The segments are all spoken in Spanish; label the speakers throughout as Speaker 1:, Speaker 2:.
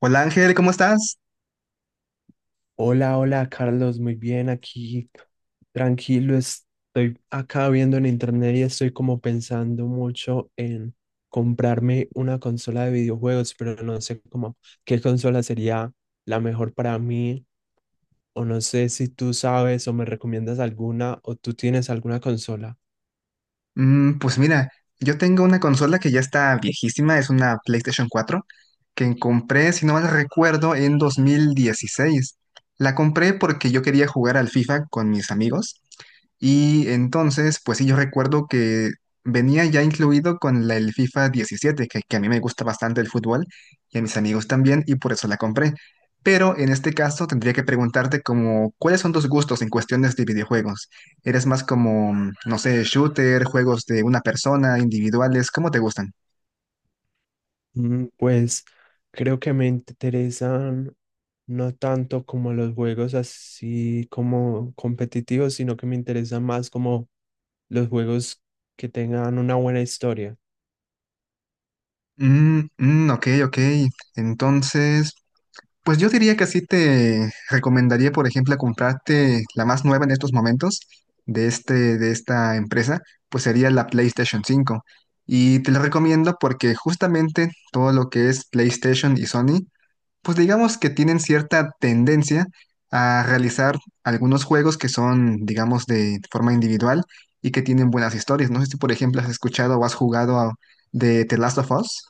Speaker 1: Hola Ángel, ¿cómo estás?
Speaker 2: Hola, hola Carlos, muy bien aquí, tranquilo, estoy acá viendo en internet y estoy como pensando mucho en comprarme una consola de videojuegos, pero no sé cómo qué consola sería la mejor para mí, o no sé si tú sabes o me recomiendas alguna o tú tienes alguna consola.
Speaker 1: Pues mira, yo tengo una consola que ya está viejísima, es una PlayStation 4, que compré, si no mal recuerdo, en 2016. La compré porque yo quería jugar al FIFA con mis amigos y entonces, pues sí, yo recuerdo que venía ya incluido con el FIFA 17, que a mí me gusta bastante el fútbol y a mis amigos también y por eso la compré. Pero en este caso tendría que preguntarte como, ¿cuáles son tus gustos en cuestiones de videojuegos? ¿Eres más como, no sé, shooter, juegos de una persona, individuales? ¿Cómo te gustan?
Speaker 2: Pues creo que me interesan no tanto como los juegos así como competitivos, sino que me interesan más como los juegos que tengan una buena historia.
Speaker 1: Mm, mm, ok, ok. Entonces, pues yo diría que sí te recomendaría, por ejemplo, comprarte la más nueva en estos momentos de esta empresa, pues sería la PlayStation 5. Y te la recomiendo porque justamente todo lo que es PlayStation y Sony pues digamos que tienen cierta tendencia a realizar algunos juegos que son, digamos, de forma individual y que tienen buenas historias. No sé si, por ejemplo, has escuchado o has jugado de The Last of Us.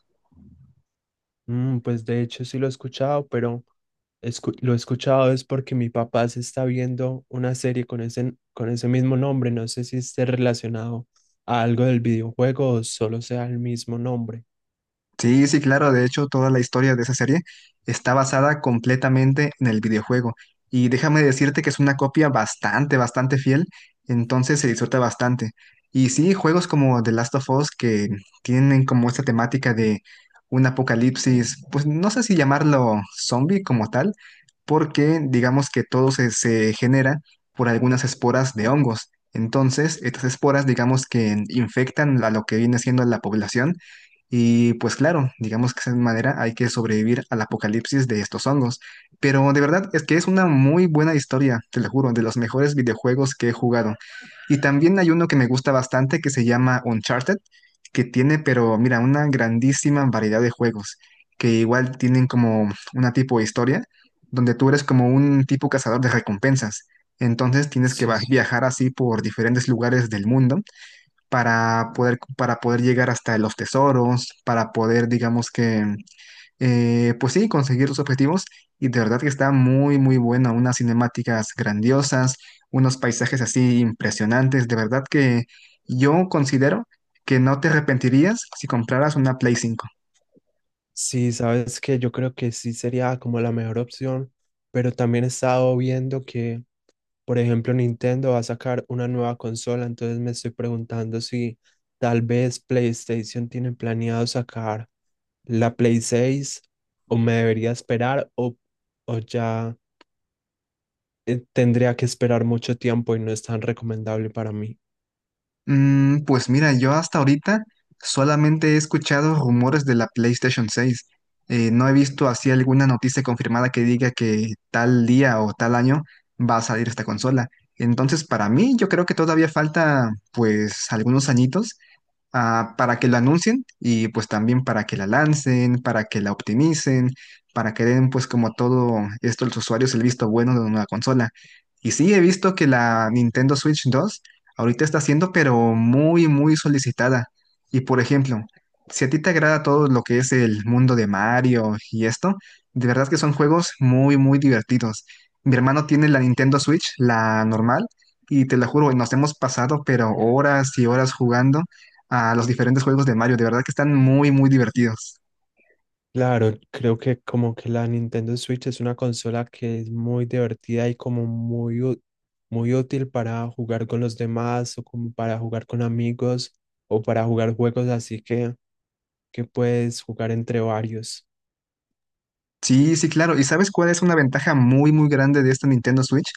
Speaker 2: Pues de hecho sí lo he escuchado, pero lo he escuchado es porque mi papá se está viendo una serie con con ese mismo nombre. No sé si esté relacionado a algo del videojuego o solo sea el mismo nombre.
Speaker 1: Sí, sí, claro. De hecho, toda la historia de esa serie está basada completamente en el videojuego. Y déjame decirte que es una copia bastante, bastante fiel. Entonces se disfruta bastante. Y sí, juegos como The Last of Us que tienen como esta temática de un apocalipsis, pues no sé si llamarlo zombie como tal, porque digamos que todo se genera por algunas esporas de hongos. Entonces, estas esporas digamos que infectan a lo que viene siendo la población y pues claro, digamos que de esa manera hay que sobrevivir al apocalipsis de estos hongos. Pero de verdad es que es una muy buena historia, te lo juro, de los mejores videojuegos que he jugado. Y también hay uno que me gusta bastante que se llama Uncharted, que tiene, pero mira, una grandísima variedad de juegos, que igual tienen como una tipo de historia, donde tú eres como un tipo cazador de recompensas. Entonces tienes que
Speaker 2: Sí,
Speaker 1: viajar así por diferentes lugares del mundo para poder llegar hasta los tesoros, para poder, digamos que, pues sí, conseguir los objetivos. Y de verdad que está muy, muy buena, unas cinemáticas grandiosas, unos paisajes así impresionantes. De verdad que yo considero que no te arrepentirías si compraras una Play 5.
Speaker 2: sí, sabes que yo creo que sí sería como la mejor opción, pero también he estado viendo que. Por ejemplo, Nintendo va a sacar una nueva consola, entonces me estoy preguntando si tal vez PlayStation tiene planeado sacar la Play 6 o me debería esperar o ya tendría que esperar mucho tiempo y no es tan recomendable para mí.
Speaker 1: Pues mira, yo hasta ahorita solamente he escuchado rumores de la PlayStation 6. No he visto así alguna noticia confirmada que diga que tal día o tal año va a salir esta consola. Entonces, para mí, yo creo que todavía falta pues algunos añitos para que lo anuncien y pues también para que la lancen, para que la optimicen, para que den pues como todo esto a los usuarios el visto bueno de una nueva consola. Y sí, he visto que la Nintendo Switch 2 ahorita está siendo pero muy, muy solicitada. Y por ejemplo, si a ti te agrada todo lo que es el mundo de Mario y esto, de verdad que son juegos muy, muy divertidos. Mi hermano tiene la Nintendo Switch, la normal, y te lo juro, nos hemos pasado pero horas y horas jugando a los diferentes juegos de Mario. De verdad que están muy, muy divertidos.
Speaker 2: Claro, creo que como que la Nintendo Switch es una consola que es muy divertida y como muy, muy útil para jugar con los demás o como para jugar con amigos o para jugar juegos así que puedes jugar entre varios.
Speaker 1: Sí, sí, claro. ¿Y sabes cuál es una ventaja muy, muy grande de esta Nintendo Switch?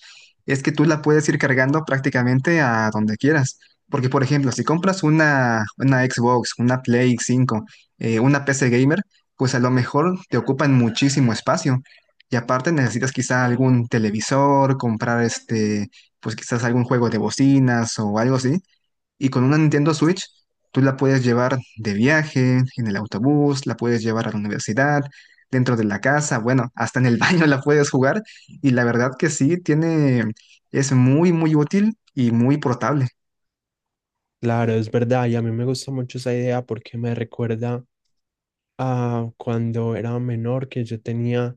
Speaker 1: Es que tú la puedes ir cargando prácticamente a donde quieras. Porque, por ejemplo, si compras una Xbox, una Play 5, una PC gamer, pues a lo mejor te ocupan muchísimo espacio. Y aparte necesitas quizá algún televisor, comprar este, pues quizás algún juego de bocinas o algo así. Y con una Nintendo Switch, tú la puedes llevar de viaje, en el autobús, la puedes llevar a la universidad, dentro de la casa, bueno, hasta en el baño la puedes jugar. Y la verdad que sí, tiene, es muy, muy útil y muy portable.
Speaker 2: Claro, es verdad, y a mí me gusta mucho esa idea porque me recuerda a cuando era menor que yo tenía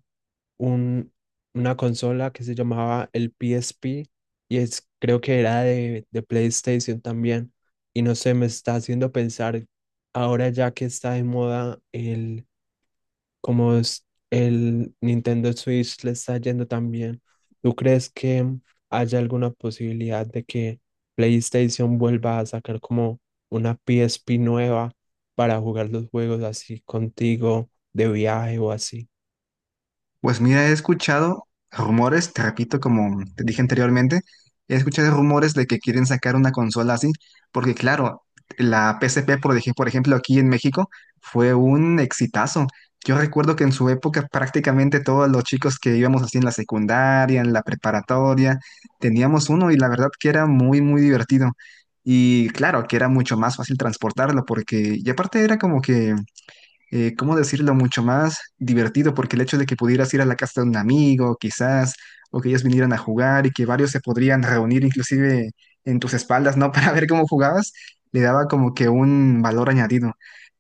Speaker 2: un, una consola que se llamaba el P S P y es, creo que era de PlayStation también. Y no sé, me está haciendo pensar ahora ya que está de moda el como es el Nintendo Switch le está yendo también. ¿Tú crees que haya alguna posibilidad de que PlayStation vuelva a sacar como una PSP nueva para jugar los juegos así contigo de viaje o así?
Speaker 1: Pues mira, he escuchado rumores, te repito, como te dije anteriormente, he escuchado rumores de que quieren sacar una consola así, porque claro, la PSP, por ejemplo, aquí en México, fue un exitazo. Yo recuerdo que en su época prácticamente todos los chicos que íbamos así en la secundaria, en la preparatoria, teníamos uno y la verdad que era muy, muy divertido. Y claro, que era mucho más fácil transportarlo, porque, y aparte era como que ¿cómo decirlo?, mucho más divertido, porque el hecho de que pudieras ir a la casa de un amigo, quizás, o que ellos vinieran a jugar y que varios se podrían reunir inclusive en tus espaldas, ¿no?, para ver cómo jugabas, le daba como que un valor añadido.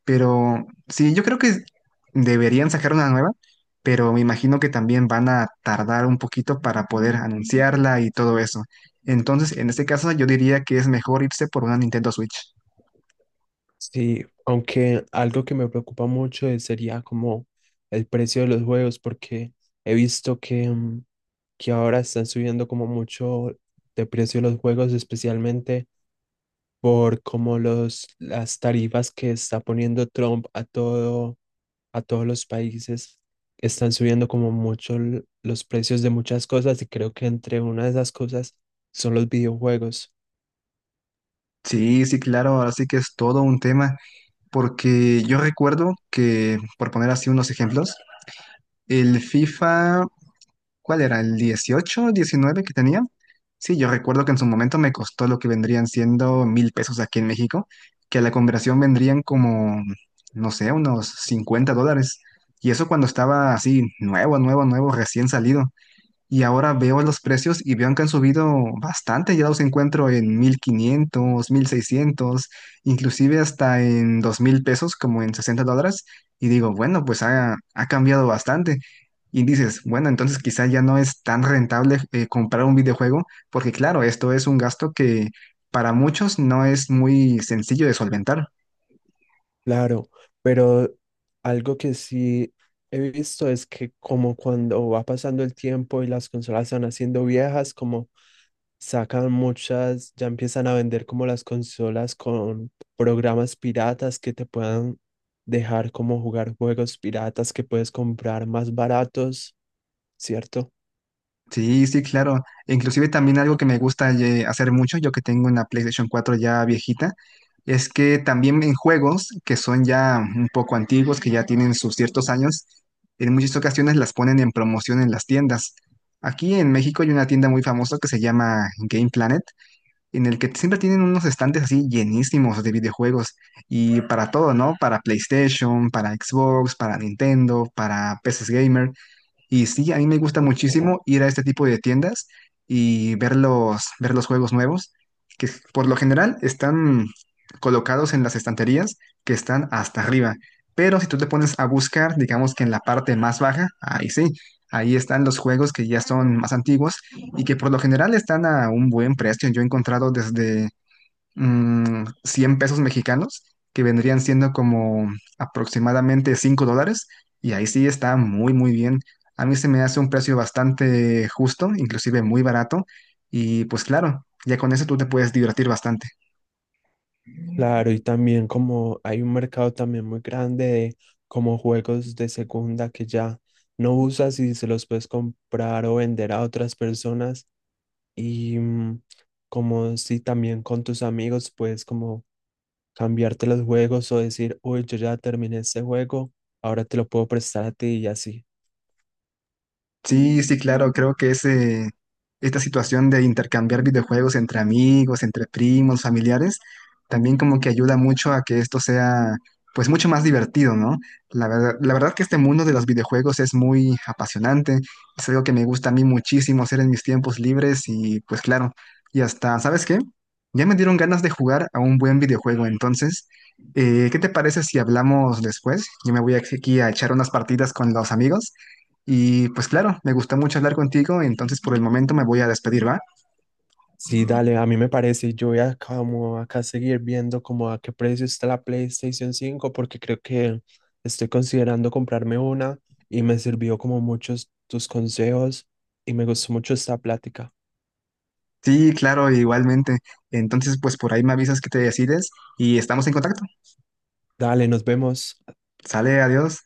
Speaker 1: Pero sí, yo creo que deberían sacar una nueva, pero me imagino que también van a tardar un poquito para poder anunciarla y todo eso. Entonces, en este caso, yo diría que es mejor irse por una Nintendo Switch.
Speaker 2: Sí, aunque algo que me preocupa mucho es- sería como el precio de los juegos, porque he visto que, que ahora están subiendo como mucho de precio los juegos, especialmente por como las tarifas que está poniendo Trump a todo, a todos los países, están subiendo como mucho los precios de muchas cosas y creo que entre una de esas cosas son los videojuegos.
Speaker 1: Sí, sí, claro, ahora sí que es todo un tema. Porque yo recuerdo que, por poner así unos ejemplos, el FIFA, ¿cuál era? ¿El 18, 19 que tenía? Sí, yo recuerdo que en su momento me costó lo que vendrían siendo 1,000 pesos aquí en México, que a la conversión vendrían como, no sé, unos 50 dólares. Y eso cuando estaba así, nuevo, nuevo, nuevo, recién salido. Y ahora veo los precios y veo que han subido bastante. Ya los encuentro en 1,500 1,600 inclusive hasta en 2,000 pesos, como en 60 dólares. Y digo, bueno, pues ha cambiado bastante. Y dices, bueno, entonces quizá ya no es tan rentable comprar un videojuego, porque claro, esto es un gasto que para muchos no es muy sencillo de solventar.
Speaker 2: Claro, pero algo que sí he visto es que como cuando va pasando el tiempo y las consolas se van haciendo viejas, como sacan muchas, ya empiezan a vender como las consolas con programas piratas que te puedan dejar como jugar juegos piratas que puedes comprar más baratos, ¿cierto?
Speaker 1: Sí, sí, claro. Inclusive también algo que me gusta hacer mucho, yo que tengo una PlayStation 4 ya viejita, es que también en juegos que son ya un poco antiguos, que ya tienen sus ciertos años, en muchas ocasiones las ponen en promoción en las tiendas. Aquí en México hay una tienda muy famosa que se llama Game Planet, en el que siempre tienen unos estantes así llenísimos de videojuegos y para todo, ¿no? Para PlayStation, para Xbox, para Nintendo, para PCs Gamer. Y sí, a mí me gusta muchísimo ir a este tipo de tiendas y ver los juegos nuevos, que por lo general están colocados en las estanterías que están hasta arriba. Pero si tú te pones a buscar, digamos que en la parte más baja, ahí sí, ahí están los juegos que ya son más antiguos y que por lo general están a un buen precio. Yo he encontrado desde 100 pesos mexicanos, que vendrían siendo como aproximadamente 5 dólares, y ahí sí está muy, muy bien. A mí se me hace un precio bastante justo, inclusive muy barato, y pues claro, ya con eso tú te puedes divertir bastante.
Speaker 2: Claro, y también como hay un mercado también muy grande de como juegos de segunda que ya no usas y se los puedes comprar o vender a otras personas y como si también con tus amigos puedes como cambiarte los juegos o decir, uy, yo ya terminé este juego, ahora te lo puedo prestar a ti y así.
Speaker 1: Sí, sí, claro, creo que esta situación de intercambiar videojuegos entre amigos, entre primos, familiares, también como que ayuda mucho a que esto sea, pues, mucho más divertido, ¿no? La verdad que este mundo de los videojuegos es muy apasionante, es algo que me gusta a mí muchísimo hacer en mis tiempos libres y, pues, claro, y hasta, ¿sabes qué? Ya me dieron ganas de jugar a un buen videojuego, entonces, ¿qué te parece si hablamos después? Yo me voy aquí a echar unas partidas con los amigos. Y pues claro, me gustó mucho hablar contigo, entonces por el momento me voy a despedir, ¿va?
Speaker 2: Sí, dale, a mí me parece, yo voy a como acá seguir viendo como a qué precio está la PlayStation 5 porque creo que estoy considerando comprarme una y me sirvió como muchos tus consejos y me gustó mucho esta plática.
Speaker 1: Sí, claro, igualmente. Entonces pues por ahí me avisas que te decides y estamos en contacto.
Speaker 2: Dale, nos vemos.
Speaker 1: Sale, adiós.